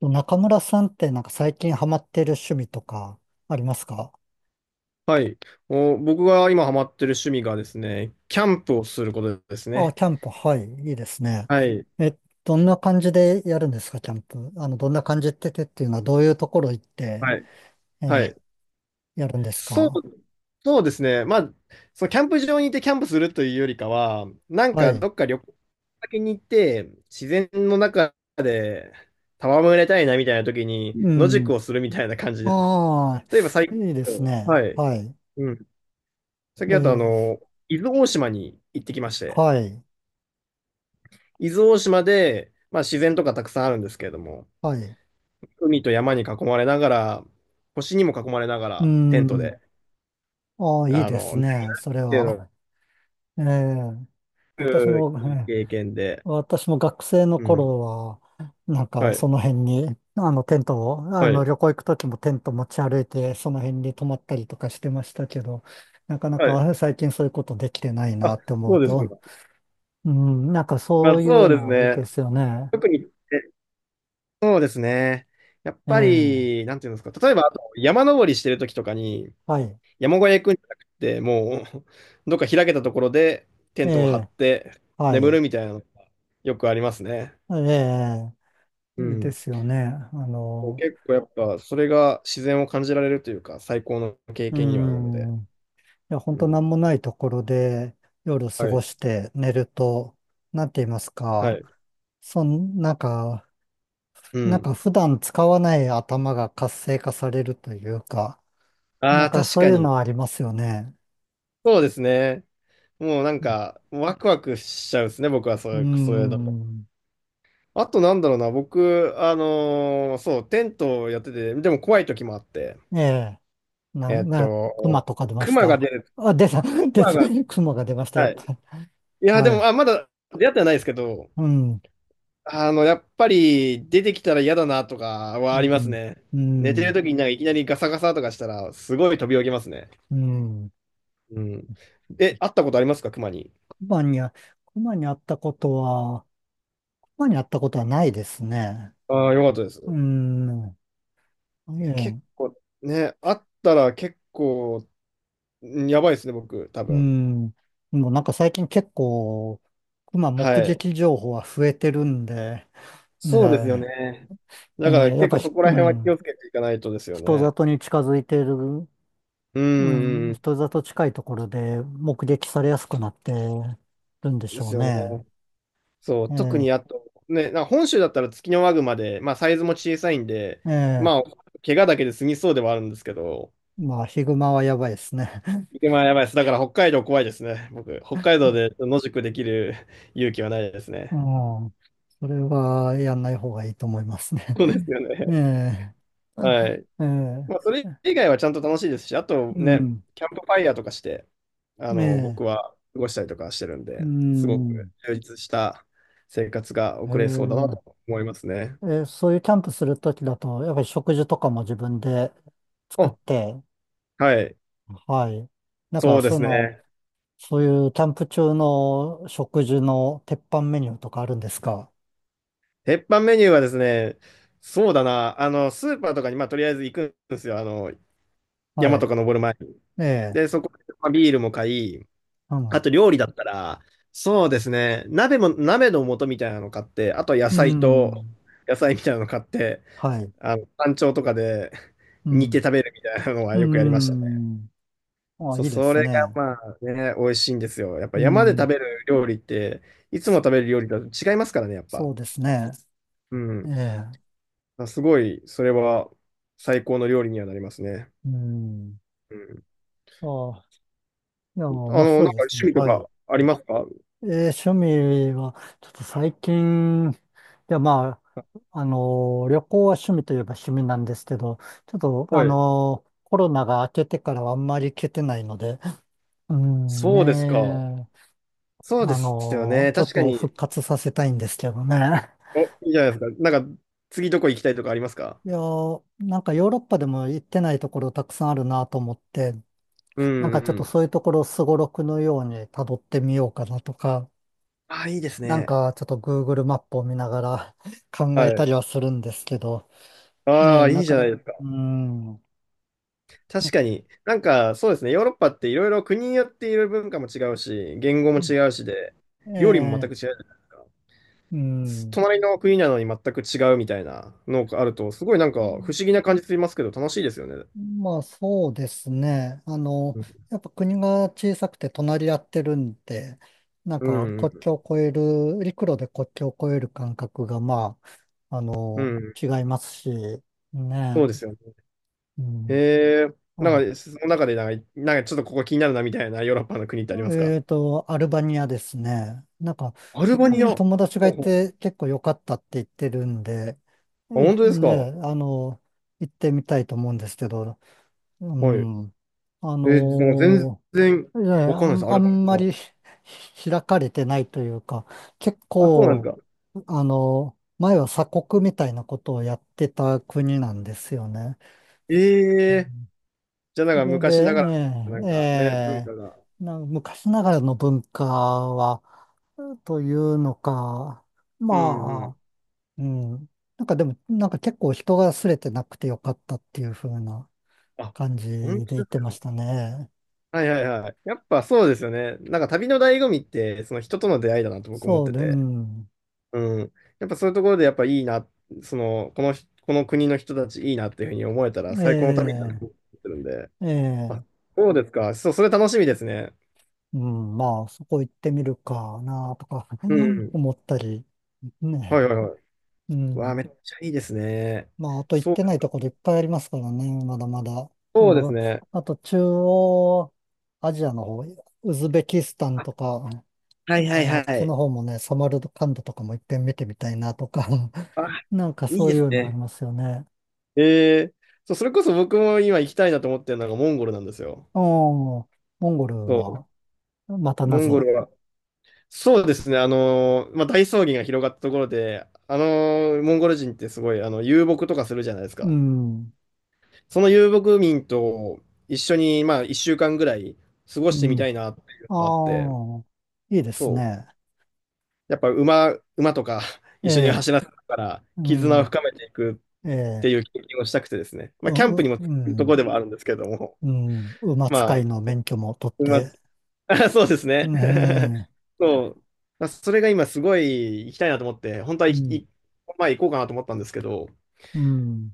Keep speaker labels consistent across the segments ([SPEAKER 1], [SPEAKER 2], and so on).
[SPEAKER 1] 中村さんって最近ハマってる趣味とかありますか？
[SPEAKER 2] はい。お、僕が今ハマってる趣味がですね、キャンプをすることです
[SPEAKER 1] あ、
[SPEAKER 2] ね。
[SPEAKER 1] キャンプ、はい、いいですね。
[SPEAKER 2] はい。
[SPEAKER 1] え、どんな感じでやるんですか、キャンプ。あの、どんな感じってっていうのはどういうところ行って、
[SPEAKER 2] はい。は
[SPEAKER 1] えー
[SPEAKER 2] い。
[SPEAKER 1] やるんです
[SPEAKER 2] そう、
[SPEAKER 1] か？
[SPEAKER 2] そうですね。まあ、そのキャンプ場に行ってキャンプするというよりかは、なん
[SPEAKER 1] は
[SPEAKER 2] か
[SPEAKER 1] い。
[SPEAKER 2] どっか旅行先に行って、自然の中で戯れたいなみたいな時に
[SPEAKER 1] う
[SPEAKER 2] 野宿
[SPEAKER 1] ん。
[SPEAKER 2] をするみたいな感じですね。
[SPEAKER 1] あ
[SPEAKER 2] 例えば最
[SPEAKER 1] あ、
[SPEAKER 2] 近、
[SPEAKER 1] いいですね。
[SPEAKER 2] はい。
[SPEAKER 1] はい。
[SPEAKER 2] うん。最
[SPEAKER 1] え
[SPEAKER 2] 近だと
[SPEAKER 1] ー
[SPEAKER 2] 伊豆大島に行ってきまして、
[SPEAKER 1] はい、
[SPEAKER 2] 伊豆大島で、まあ自然とかたくさんあるんですけれども、
[SPEAKER 1] はい。
[SPEAKER 2] 海と山に囲まれながら、星にも囲まれなが
[SPEAKER 1] う
[SPEAKER 2] ら、テント
[SPEAKER 1] ん。
[SPEAKER 2] で、
[SPEAKER 1] ああ、いいです
[SPEAKER 2] ね、
[SPEAKER 1] ね、それ
[SPEAKER 2] っていう
[SPEAKER 1] は。
[SPEAKER 2] のは
[SPEAKER 1] はい。えー
[SPEAKER 2] すご
[SPEAKER 1] 私
[SPEAKER 2] く
[SPEAKER 1] も、
[SPEAKER 2] いい経験で、
[SPEAKER 1] 私も学生の
[SPEAKER 2] うん。
[SPEAKER 1] 頃は、
[SPEAKER 2] は
[SPEAKER 1] そ
[SPEAKER 2] い、
[SPEAKER 1] の辺に、あのテントを、あ
[SPEAKER 2] は
[SPEAKER 1] の
[SPEAKER 2] い、
[SPEAKER 1] 旅行行く時もテント持ち歩いて、その辺に泊まったりとかしてましたけど、なかな
[SPEAKER 2] はい。
[SPEAKER 1] か最近そういうことできてないな
[SPEAKER 2] あ、
[SPEAKER 1] って思う
[SPEAKER 2] そうですか。
[SPEAKER 1] と、うん、なんか
[SPEAKER 2] ま
[SPEAKER 1] そ
[SPEAKER 2] あ、
[SPEAKER 1] うい
[SPEAKER 2] そ
[SPEAKER 1] う
[SPEAKER 2] うです
[SPEAKER 1] のはいい
[SPEAKER 2] ね。
[SPEAKER 1] ですよね。
[SPEAKER 2] 特に、えそうですね。やっ
[SPEAKER 1] え
[SPEAKER 2] ぱ
[SPEAKER 1] え、
[SPEAKER 2] り、なんていうんですか、例えば、あと山登りしてる時とかに、
[SPEAKER 1] はい、
[SPEAKER 2] 山小屋行くんじゃなくて、もう、どっか開けたところでテ
[SPEAKER 1] え
[SPEAKER 2] ントを張っ
[SPEAKER 1] え、
[SPEAKER 2] て
[SPEAKER 1] は
[SPEAKER 2] 眠
[SPEAKER 1] い、
[SPEAKER 2] るみたいなのがよくありますね。
[SPEAKER 1] ええ、
[SPEAKER 2] う
[SPEAKER 1] いいで
[SPEAKER 2] ん。
[SPEAKER 1] すよね。あ
[SPEAKER 2] こう
[SPEAKER 1] の、
[SPEAKER 2] 結構やっぱ、それが自然を感じられるというか、最高の経
[SPEAKER 1] う
[SPEAKER 2] 験にはなるので。
[SPEAKER 1] ん、いや、本
[SPEAKER 2] う
[SPEAKER 1] 当な
[SPEAKER 2] ん。
[SPEAKER 1] んもないところで夜過
[SPEAKER 2] は
[SPEAKER 1] ご
[SPEAKER 2] い。
[SPEAKER 1] して寝ると、なんて言います
[SPEAKER 2] は
[SPEAKER 1] か、
[SPEAKER 2] い。
[SPEAKER 1] そん、なんか、
[SPEAKER 2] う
[SPEAKER 1] なん
[SPEAKER 2] ん。
[SPEAKER 1] か普段使わない頭が活性化されるというか、
[SPEAKER 2] あ
[SPEAKER 1] なん
[SPEAKER 2] あ、
[SPEAKER 1] か
[SPEAKER 2] 確
[SPEAKER 1] そう
[SPEAKER 2] か
[SPEAKER 1] いうの
[SPEAKER 2] に。
[SPEAKER 1] はありますよね。
[SPEAKER 2] そうですね。もうなんか、ワクワクしちゃうですね、僕はそ
[SPEAKER 1] うー
[SPEAKER 2] れ、それだと。
[SPEAKER 1] ん。
[SPEAKER 2] あとなんだろうな、僕、そう、テントをやってて、でも怖い時もあって、
[SPEAKER 1] ええ。
[SPEAKER 2] えーっ
[SPEAKER 1] 熊
[SPEAKER 2] と、
[SPEAKER 1] とか出ま
[SPEAKER 2] ク
[SPEAKER 1] し
[SPEAKER 2] マが
[SPEAKER 1] た？
[SPEAKER 2] 出る、
[SPEAKER 1] あ、出た、
[SPEAKER 2] ク
[SPEAKER 1] 出
[SPEAKER 2] マが、
[SPEAKER 1] た、熊が出ました、や
[SPEAKER 2] は
[SPEAKER 1] っ
[SPEAKER 2] い。
[SPEAKER 1] ぱり。
[SPEAKER 2] いや、で
[SPEAKER 1] は
[SPEAKER 2] も、
[SPEAKER 1] い。
[SPEAKER 2] まだ出会ってはないですけど、
[SPEAKER 1] うん。
[SPEAKER 2] あの、やっぱり出てきたら嫌だなとかは
[SPEAKER 1] う
[SPEAKER 2] あります
[SPEAKER 1] ん。
[SPEAKER 2] ね。
[SPEAKER 1] う
[SPEAKER 2] 寝てる
[SPEAKER 1] ん。
[SPEAKER 2] 時になんかいきなりガサガサとかしたら、すごい飛び起きますね。
[SPEAKER 1] うん。
[SPEAKER 2] うん。え、会ったことありますか、熊に。
[SPEAKER 1] 熊には、熊に会ったことは、熊に会ったことはないですね。
[SPEAKER 2] ああ、よかったで
[SPEAKER 1] う
[SPEAKER 2] す。
[SPEAKER 1] ん。え
[SPEAKER 2] 結
[SPEAKER 1] え。
[SPEAKER 2] 構、ね、会ったら結構、んやばいですね、僕、多
[SPEAKER 1] う
[SPEAKER 2] 分。
[SPEAKER 1] ん。もうなんか最近結構、熊目
[SPEAKER 2] はい。
[SPEAKER 1] 撃情報は増えてるんで、ね
[SPEAKER 2] そうですよね。
[SPEAKER 1] え、え
[SPEAKER 2] だから
[SPEAKER 1] ーやっ
[SPEAKER 2] 結
[SPEAKER 1] ぱ
[SPEAKER 2] 構
[SPEAKER 1] ひ、
[SPEAKER 2] そこ
[SPEAKER 1] う
[SPEAKER 2] ら辺は気
[SPEAKER 1] ん、
[SPEAKER 2] をつけていかないとですよ
[SPEAKER 1] 人
[SPEAKER 2] ね。
[SPEAKER 1] 里に近づいてる、
[SPEAKER 2] うん、う
[SPEAKER 1] う
[SPEAKER 2] ん
[SPEAKER 1] ん、
[SPEAKER 2] うん
[SPEAKER 1] 人里近いところで目撃されやすくなってるんでし
[SPEAKER 2] で
[SPEAKER 1] ょ
[SPEAKER 2] す
[SPEAKER 1] う
[SPEAKER 2] よね。
[SPEAKER 1] ね。
[SPEAKER 2] そう、
[SPEAKER 1] え
[SPEAKER 2] 特
[SPEAKER 1] え、
[SPEAKER 2] にあと、ね、なんか本州だったらツキノワグマで、まあサイズも小さいんで、
[SPEAKER 1] ええ、
[SPEAKER 2] まあ、怪我だけで済みそうではあるんですけど、
[SPEAKER 1] まあ、ヒグマはやばいですね。
[SPEAKER 2] まあやばいです。だから北海道怖いですね。僕、北海道 で野宿できる 勇気はないです
[SPEAKER 1] う
[SPEAKER 2] ね。
[SPEAKER 1] ん、それはやんない方がいいと思いますね。
[SPEAKER 2] そうです よね。
[SPEAKER 1] え え、
[SPEAKER 2] はい。
[SPEAKER 1] ええ、
[SPEAKER 2] まあそれ以外はちゃんと楽しいですし、あと
[SPEAKER 1] う
[SPEAKER 2] ね、
[SPEAKER 1] ん、
[SPEAKER 2] キャンプファイヤーとかして、あ
[SPEAKER 1] え
[SPEAKER 2] の、
[SPEAKER 1] え、
[SPEAKER 2] 僕は過ごしたりとかしてるん
[SPEAKER 1] う
[SPEAKER 2] で、すごく
[SPEAKER 1] ん。
[SPEAKER 2] 充実した生活が
[SPEAKER 1] え
[SPEAKER 2] 送れそうだな
[SPEAKER 1] ー
[SPEAKER 2] と思いますね。
[SPEAKER 1] えーそういうキャンプするときだと、やっぱり食事とかも自分で作っ
[SPEAKER 2] あ、
[SPEAKER 1] て、
[SPEAKER 2] はい。
[SPEAKER 1] はい。なん
[SPEAKER 2] そ
[SPEAKER 1] か、
[SPEAKER 2] うで
[SPEAKER 1] そ
[SPEAKER 2] す
[SPEAKER 1] の、
[SPEAKER 2] ね。
[SPEAKER 1] そういうキャンプ中の食事の鉄板メニューとかあるんですか？
[SPEAKER 2] 鉄板メニューはですね、そうだな、あの、スーパーとかに、まあ、とりあえず行くんですよ。あの、
[SPEAKER 1] は
[SPEAKER 2] 山
[SPEAKER 1] い。
[SPEAKER 2] とか登る前に。
[SPEAKER 1] ええ、
[SPEAKER 2] で、そこで、まあ、ビールも買い、
[SPEAKER 1] う
[SPEAKER 2] あ
[SPEAKER 1] ん。
[SPEAKER 2] と料理だったら、そうですね、鍋も、鍋の素みたいなの買って、あと野
[SPEAKER 1] う
[SPEAKER 2] 菜と、
[SPEAKER 1] ん。
[SPEAKER 2] 野菜みたいなの買って、
[SPEAKER 1] はい。
[SPEAKER 2] あの、山頂とかで
[SPEAKER 1] う
[SPEAKER 2] 煮て
[SPEAKER 1] ん。
[SPEAKER 2] 食べるみたいなのは
[SPEAKER 1] う
[SPEAKER 2] よくやりましたね。
[SPEAKER 1] ん。あ、
[SPEAKER 2] そ
[SPEAKER 1] い
[SPEAKER 2] う、
[SPEAKER 1] いで
[SPEAKER 2] そ
[SPEAKER 1] す
[SPEAKER 2] れが
[SPEAKER 1] ね。
[SPEAKER 2] まあね、美味しいんですよ。やっぱ
[SPEAKER 1] う
[SPEAKER 2] 山で食
[SPEAKER 1] ん。
[SPEAKER 2] べる料理って、いつも食べる料理だと違いますからね、やっ
[SPEAKER 1] そ
[SPEAKER 2] ぱ。
[SPEAKER 1] うですね。
[SPEAKER 2] う
[SPEAKER 1] え
[SPEAKER 2] ん。
[SPEAKER 1] え。
[SPEAKER 2] あ、すごい、それは最高の料理にはなりますね。
[SPEAKER 1] うん。
[SPEAKER 2] うん。
[SPEAKER 1] あ、いや、
[SPEAKER 2] あ
[SPEAKER 1] 面
[SPEAKER 2] の、なん
[SPEAKER 1] 白い
[SPEAKER 2] か
[SPEAKER 1] です
[SPEAKER 2] 趣
[SPEAKER 1] ね。
[SPEAKER 2] 味と
[SPEAKER 1] はい。
[SPEAKER 2] かありますか？
[SPEAKER 1] えー趣味は、ちょっと最近、いや、ま
[SPEAKER 2] あ
[SPEAKER 1] あ、あのー旅行は趣味といえば趣味なんですけど、ちょっと、あ
[SPEAKER 2] はい。
[SPEAKER 1] のーコロナが明けてからはあんまり行けてないので、うん
[SPEAKER 2] そうですか。
[SPEAKER 1] ねえ、
[SPEAKER 2] そうで
[SPEAKER 1] あ
[SPEAKER 2] すよ
[SPEAKER 1] の
[SPEAKER 2] ね。
[SPEAKER 1] ーちょっ
[SPEAKER 2] 確か
[SPEAKER 1] と
[SPEAKER 2] に。
[SPEAKER 1] 復活させたいんですけどね。
[SPEAKER 2] お、いいじゃないですか。なんか、次どこ行きたいとかありますか？
[SPEAKER 1] いやー、なんかヨーロッパでも行ってないところたくさんあるなと思って、
[SPEAKER 2] う
[SPEAKER 1] なん
[SPEAKER 2] ん
[SPEAKER 1] かちょっ
[SPEAKER 2] う
[SPEAKER 1] と
[SPEAKER 2] ん。
[SPEAKER 1] そういうところをすごろくのように辿ってみようかなとか、
[SPEAKER 2] ああ、いいです
[SPEAKER 1] なん
[SPEAKER 2] ね。
[SPEAKER 1] かちょっと Google マップを見ながら 考
[SPEAKER 2] は
[SPEAKER 1] えた
[SPEAKER 2] い。
[SPEAKER 1] りはするんですけど、
[SPEAKER 2] あ
[SPEAKER 1] ね、
[SPEAKER 2] あ、い
[SPEAKER 1] な
[SPEAKER 2] いじ
[SPEAKER 1] か
[SPEAKER 2] ゃな
[SPEAKER 1] な
[SPEAKER 2] い
[SPEAKER 1] か、
[SPEAKER 2] ですか。
[SPEAKER 1] うーん、う
[SPEAKER 2] 確かに。なんか、そうですね。ヨーロッパっていろいろ国によっていろいろ文化も違うし、言語も
[SPEAKER 1] ん。
[SPEAKER 2] 違うしで、料理も全
[SPEAKER 1] ええ、
[SPEAKER 2] く違うじゃないですか。
[SPEAKER 1] うん。
[SPEAKER 2] 隣の国なのに全く違うみたいなのがあると、すごいなんか不思議な感じしますけど、楽しいですよね。
[SPEAKER 1] まあそうですね。あの、
[SPEAKER 2] うん、
[SPEAKER 1] やっぱ国が小さくて隣り合ってるんで、なん
[SPEAKER 2] う
[SPEAKER 1] か国
[SPEAKER 2] ん、
[SPEAKER 1] 境を越える、陸路で国境を越える感覚がまあ、あ
[SPEAKER 2] うん
[SPEAKER 1] の、
[SPEAKER 2] うん
[SPEAKER 1] 違いますし、
[SPEAKER 2] そう
[SPEAKER 1] ね。
[SPEAKER 2] ですよね。
[SPEAKER 1] う
[SPEAKER 2] へ
[SPEAKER 1] ん。
[SPEAKER 2] え、なんか、その中でなんか、なんかちょっとここ気になるなみたいなヨーロッパの国ってありますか？
[SPEAKER 1] えっと、アルバニアですね。なんか、
[SPEAKER 2] アル
[SPEAKER 1] う
[SPEAKER 2] バニア。
[SPEAKER 1] ん、
[SPEAKER 2] ほ
[SPEAKER 1] 友達が
[SPEAKER 2] う
[SPEAKER 1] い
[SPEAKER 2] ほ
[SPEAKER 1] て結構良かったって言ってるんで、え、
[SPEAKER 2] うあ、本当ですか？は
[SPEAKER 1] ね、あの、行ってみたいと思うんですけど、う
[SPEAKER 2] い。
[SPEAKER 1] ん、あ
[SPEAKER 2] なんか全
[SPEAKER 1] の
[SPEAKER 2] 然
[SPEAKER 1] ー、
[SPEAKER 2] わかんないです、ア
[SPEAKER 1] あ
[SPEAKER 2] ルバ
[SPEAKER 1] ん
[SPEAKER 2] ニ
[SPEAKER 1] まり 開かれてないというか、結
[SPEAKER 2] ア。あ、そうなん
[SPEAKER 1] 構、
[SPEAKER 2] ですか。
[SPEAKER 1] あの、前は鎖国みたいなことをやってた国なんですよね。
[SPEAKER 2] ええ、じゃあなん
[SPEAKER 1] そ
[SPEAKER 2] か
[SPEAKER 1] れで、
[SPEAKER 2] 昔ながら、な
[SPEAKER 1] ええ、
[SPEAKER 2] ん
[SPEAKER 1] え
[SPEAKER 2] かね、文化が。
[SPEAKER 1] え、昔ながらの文化は、というのか、
[SPEAKER 2] うんうん。
[SPEAKER 1] まあ、うん。なんかでも、なんか結構人が擦れてなくてよかったっていう風な
[SPEAKER 2] あ、
[SPEAKER 1] 感じ
[SPEAKER 2] 本
[SPEAKER 1] で言
[SPEAKER 2] 当
[SPEAKER 1] っ
[SPEAKER 2] です
[SPEAKER 1] てま
[SPEAKER 2] か。
[SPEAKER 1] したね。
[SPEAKER 2] はいはいはい。やっぱそうですよね。なんか旅の醍醐味って、その人との出会いだなと僕思っ
[SPEAKER 1] そう
[SPEAKER 2] て
[SPEAKER 1] で、う
[SPEAKER 2] て。
[SPEAKER 1] ん。
[SPEAKER 2] うん。やっぱそういうところでやっぱいいな、その、このひ、この国の人たちいいなっていうふうに思えたら
[SPEAKER 1] え
[SPEAKER 2] 最高の旅だなと
[SPEAKER 1] え、
[SPEAKER 2] 思ってるんで。
[SPEAKER 1] え
[SPEAKER 2] あ、
[SPEAKER 1] え、
[SPEAKER 2] そうですか。そう、それ楽しみですね。
[SPEAKER 1] うん。まあ、そこ行ってみるかなとか
[SPEAKER 2] う ん。
[SPEAKER 1] 思ったり、
[SPEAKER 2] はい
[SPEAKER 1] ね。
[SPEAKER 2] はいはい。
[SPEAKER 1] う
[SPEAKER 2] わあ、
[SPEAKER 1] ん。
[SPEAKER 2] めっちゃいいですね。
[SPEAKER 1] まあ、あと行っ
[SPEAKER 2] そ
[SPEAKER 1] て
[SPEAKER 2] う
[SPEAKER 1] な
[SPEAKER 2] で
[SPEAKER 1] い
[SPEAKER 2] す
[SPEAKER 1] と
[SPEAKER 2] か。
[SPEAKER 1] ころいっぱいありますからね、まだまだ。あ
[SPEAKER 2] そうです
[SPEAKER 1] の、
[SPEAKER 2] ね。
[SPEAKER 1] あと中央アジアの方、ウズベキスタン
[SPEAKER 2] あ、
[SPEAKER 1] とか、ね、
[SPEAKER 2] はいはい
[SPEAKER 1] あっ
[SPEAKER 2] は
[SPEAKER 1] ち
[SPEAKER 2] い。
[SPEAKER 1] の方もね、サマルカンドとかも一遍見てみたいなとか、
[SPEAKER 2] あ、
[SPEAKER 1] なんか
[SPEAKER 2] いい
[SPEAKER 1] そう
[SPEAKER 2] で
[SPEAKER 1] い
[SPEAKER 2] す
[SPEAKER 1] うのあり
[SPEAKER 2] ね。
[SPEAKER 1] ますよね。
[SPEAKER 2] えー、そう、それこそ僕も今行きたいなと思ってるのがモンゴルなんですよ。
[SPEAKER 1] うん、モンゴルは、
[SPEAKER 2] そ
[SPEAKER 1] ま
[SPEAKER 2] う。
[SPEAKER 1] たな
[SPEAKER 2] モン
[SPEAKER 1] ぜ。
[SPEAKER 2] ゴルはそうですね。まあ、大草原が広がったところで、モンゴル人ってすごい、遊牧とかするじゃないです
[SPEAKER 1] う
[SPEAKER 2] か。
[SPEAKER 1] ん、
[SPEAKER 2] その遊牧民と一緒に、まあ、1週間ぐらい過ご
[SPEAKER 1] う
[SPEAKER 2] してみ
[SPEAKER 1] ん。
[SPEAKER 2] たいなっていうのがあって、
[SPEAKER 1] ああ、いいです
[SPEAKER 2] そう。
[SPEAKER 1] ね。
[SPEAKER 2] やっぱ馬とか
[SPEAKER 1] え
[SPEAKER 2] 一緒に
[SPEAKER 1] え、
[SPEAKER 2] 走らせながら、
[SPEAKER 1] う
[SPEAKER 2] 絆を
[SPEAKER 1] ん、
[SPEAKER 2] 深めていく
[SPEAKER 1] え
[SPEAKER 2] って
[SPEAKER 1] え、
[SPEAKER 2] いう経験をしたくてですね。まあ、キャン
[SPEAKER 1] う、
[SPEAKER 2] プ
[SPEAKER 1] う、
[SPEAKER 2] にもつ
[SPEAKER 1] う
[SPEAKER 2] くとこ
[SPEAKER 1] ん、
[SPEAKER 2] ろでもあるんですけれども、
[SPEAKER 1] うん、馬
[SPEAKER 2] ま
[SPEAKER 1] 使い
[SPEAKER 2] あ、
[SPEAKER 1] の免許も取っ
[SPEAKER 2] 馬
[SPEAKER 1] て、
[SPEAKER 2] あそうですね。
[SPEAKER 1] ねえ。
[SPEAKER 2] そう。まあそれが今すごい行きたいなと思って、本当は
[SPEAKER 1] う
[SPEAKER 2] い
[SPEAKER 1] ん、
[SPEAKER 2] いまあ行こうかなと思ったんですけど、
[SPEAKER 1] うん。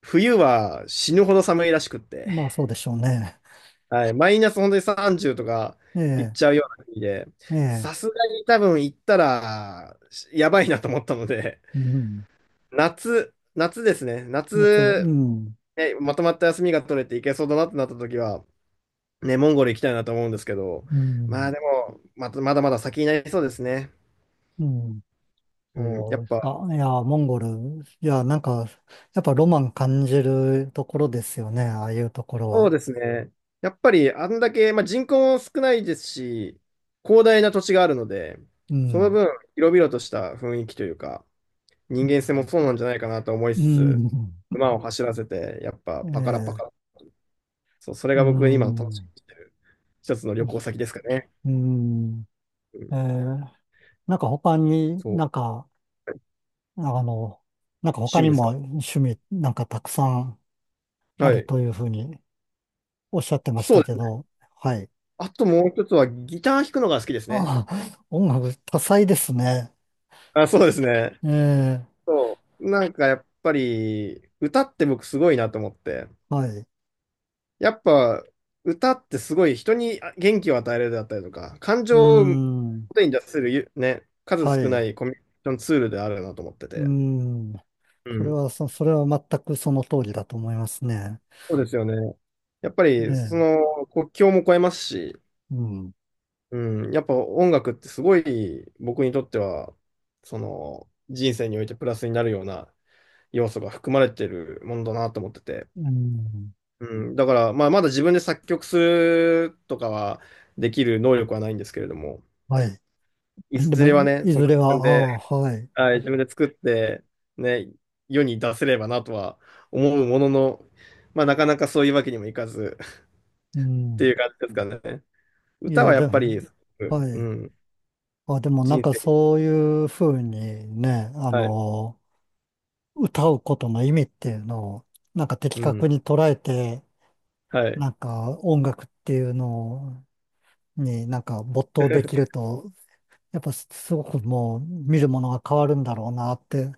[SPEAKER 2] 冬は死ぬほど寒いらしくって、
[SPEAKER 1] まあそうでしょうね。
[SPEAKER 2] はい、マイナス本当に30とか
[SPEAKER 1] え
[SPEAKER 2] 行っ
[SPEAKER 1] え、
[SPEAKER 2] ちゃうような国で、
[SPEAKER 1] ええ、
[SPEAKER 2] さすがに多分行ったらやばいなと思ったので、
[SPEAKER 1] うん。
[SPEAKER 2] 夏ですね。
[SPEAKER 1] 夏、う
[SPEAKER 2] 夏、
[SPEAKER 1] ん、
[SPEAKER 2] ね、まとまった休みが取れて行けそうだなってなった時は、ね、モンゴル行きたいなと思うんですけど、
[SPEAKER 1] う
[SPEAKER 2] まあ
[SPEAKER 1] ん、
[SPEAKER 2] でも、またまだまだ先になりそうですね。
[SPEAKER 1] うん。
[SPEAKER 2] うん、
[SPEAKER 1] そ
[SPEAKER 2] や
[SPEAKER 1] う
[SPEAKER 2] っ
[SPEAKER 1] です
[SPEAKER 2] ぱ
[SPEAKER 1] か。いや、モンゴル、いや、なんか、やっぱロマン感じるところですよね、ああいうところ
[SPEAKER 2] そう
[SPEAKER 1] は。
[SPEAKER 2] ですね。やっぱりあんだけ、まあ、人口も少ないですし、広大な土地があるので、
[SPEAKER 1] う
[SPEAKER 2] その
[SPEAKER 1] ん、
[SPEAKER 2] 分、広々とした雰囲気というか、
[SPEAKER 1] う
[SPEAKER 2] 人間性も
[SPEAKER 1] ん、
[SPEAKER 2] そうなんじゃないかなと思い
[SPEAKER 1] う
[SPEAKER 2] つつ、
[SPEAKER 1] ん、
[SPEAKER 2] 馬を走らせて、やっぱ
[SPEAKER 1] え
[SPEAKER 2] パカラパカ
[SPEAKER 1] え、
[SPEAKER 2] ラ。そう、それ
[SPEAKER 1] う
[SPEAKER 2] が僕今の楽しみ
[SPEAKER 1] ん、
[SPEAKER 2] にしてる一つの旅行先ですかね。
[SPEAKER 1] うん、
[SPEAKER 2] うん、
[SPEAKER 1] ええ、なんか他に
[SPEAKER 2] そう、
[SPEAKER 1] なんか、あの、なんか他
[SPEAKER 2] 趣味
[SPEAKER 1] に
[SPEAKER 2] です
[SPEAKER 1] も
[SPEAKER 2] か。
[SPEAKER 1] 趣味なんかたくさんあ
[SPEAKER 2] は
[SPEAKER 1] る
[SPEAKER 2] い。
[SPEAKER 1] というふうにおっしゃってまし
[SPEAKER 2] そ
[SPEAKER 1] た
[SPEAKER 2] うで
[SPEAKER 1] け
[SPEAKER 2] すね。
[SPEAKER 1] ど、はい。
[SPEAKER 2] あともう一つはギター弾くのが好きですね。
[SPEAKER 1] ああ、音楽多彩ですね。
[SPEAKER 2] あ、そうですね。
[SPEAKER 1] ええ、
[SPEAKER 2] そう。なんかやっぱり、歌って僕すごいなと思って。
[SPEAKER 1] はい。う
[SPEAKER 2] やっぱ歌ってすごい人に元気を与えるだったりとか、感
[SPEAKER 1] ー
[SPEAKER 2] 情を表
[SPEAKER 1] ん、
[SPEAKER 2] に出せるゆね、数
[SPEAKER 1] はい。
[SPEAKER 2] 少な
[SPEAKER 1] う
[SPEAKER 2] いコミュニケーションツールであるなと思って
[SPEAKER 1] ー
[SPEAKER 2] て。
[SPEAKER 1] ん。
[SPEAKER 2] うん。
[SPEAKER 1] それは全くその通りだと思いますね。
[SPEAKER 2] そうですよね。やっぱ
[SPEAKER 1] え
[SPEAKER 2] りそ
[SPEAKER 1] え、
[SPEAKER 2] の国境も越えますし、
[SPEAKER 1] うん、
[SPEAKER 2] うん、やっぱ音楽ってすごい僕にとっては、その人生においてプラスになるような要素が含まれてるものだなと思ってて。
[SPEAKER 1] うん、
[SPEAKER 2] うん、だから、まあ、まだ自分で作曲するとかはできる能力はないんですけれども、
[SPEAKER 1] はい。
[SPEAKER 2] い
[SPEAKER 1] で
[SPEAKER 2] ず
[SPEAKER 1] も、
[SPEAKER 2] れはね、
[SPEAKER 1] い
[SPEAKER 2] そ
[SPEAKER 1] ず
[SPEAKER 2] の
[SPEAKER 1] れは、
[SPEAKER 2] 自分
[SPEAKER 1] あ
[SPEAKER 2] で、
[SPEAKER 1] あ、はい。
[SPEAKER 2] はい、自分で作って、ね、世に出せればなとは思うものの、まあ、なかなかそういうわけにもいかず
[SPEAKER 1] う
[SPEAKER 2] って
[SPEAKER 1] ん。
[SPEAKER 2] いう感じですかね。
[SPEAKER 1] い
[SPEAKER 2] 歌は
[SPEAKER 1] や、
[SPEAKER 2] や
[SPEAKER 1] で
[SPEAKER 2] っぱり、
[SPEAKER 1] も、は
[SPEAKER 2] う
[SPEAKER 1] い。
[SPEAKER 2] ん、
[SPEAKER 1] あ、でもなん
[SPEAKER 2] 人
[SPEAKER 1] か
[SPEAKER 2] 生に、
[SPEAKER 1] そういうふうにね、あ
[SPEAKER 2] はい、
[SPEAKER 1] の、歌うことの意味っていうのを、なんか的
[SPEAKER 2] うん、
[SPEAKER 1] 確に捉えて、
[SPEAKER 2] はい。
[SPEAKER 1] なんか音楽っていうのになんか没頭できる と、やっぱすごくもう見るものが変わるんだろうなって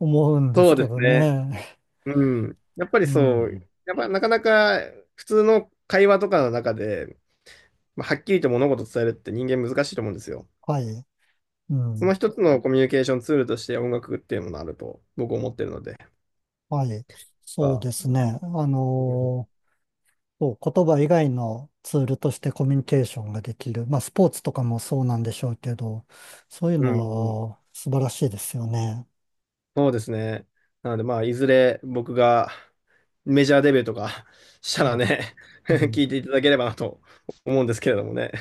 [SPEAKER 1] 思うんで
[SPEAKER 2] そ
[SPEAKER 1] す
[SPEAKER 2] うで
[SPEAKER 1] け
[SPEAKER 2] す
[SPEAKER 1] ど
[SPEAKER 2] ね。
[SPEAKER 1] ね。
[SPEAKER 2] うん。やっぱり
[SPEAKER 1] う
[SPEAKER 2] そ
[SPEAKER 1] ん。
[SPEAKER 2] う、やっぱなかなか普通の会話とかの中で、まあ、はっきりと物事を伝えるって人間難しいと思うんですよ。
[SPEAKER 1] はい。う
[SPEAKER 2] その
[SPEAKER 1] ん。
[SPEAKER 2] 一つのコミュニケーションツールとして音楽っていうものがあると僕思ってるので、やっ
[SPEAKER 1] はい。
[SPEAKER 2] ぱ
[SPEAKER 1] そうですね。言葉以外のツールとしてコミュニケーションができる。まあ、スポーツとかもそうなんでしょうけど、そういう
[SPEAKER 2] うんうん、
[SPEAKER 1] のは素晴らしいですよね。
[SPEAKER 2] そうですね。なので、まあ、いずれ僕がメジャーデビューとか し
[SPEAKER 1] う
[SPEAKER 2] たら
[SPEAKER 1] ん。
[SPEAKER 2] ね
[SPEAKER 1] う
[SPEAKER 2] 聞
[SPEAKER 1] ん
[SPEAKER 2] いていただければなと思うんですけれどもね。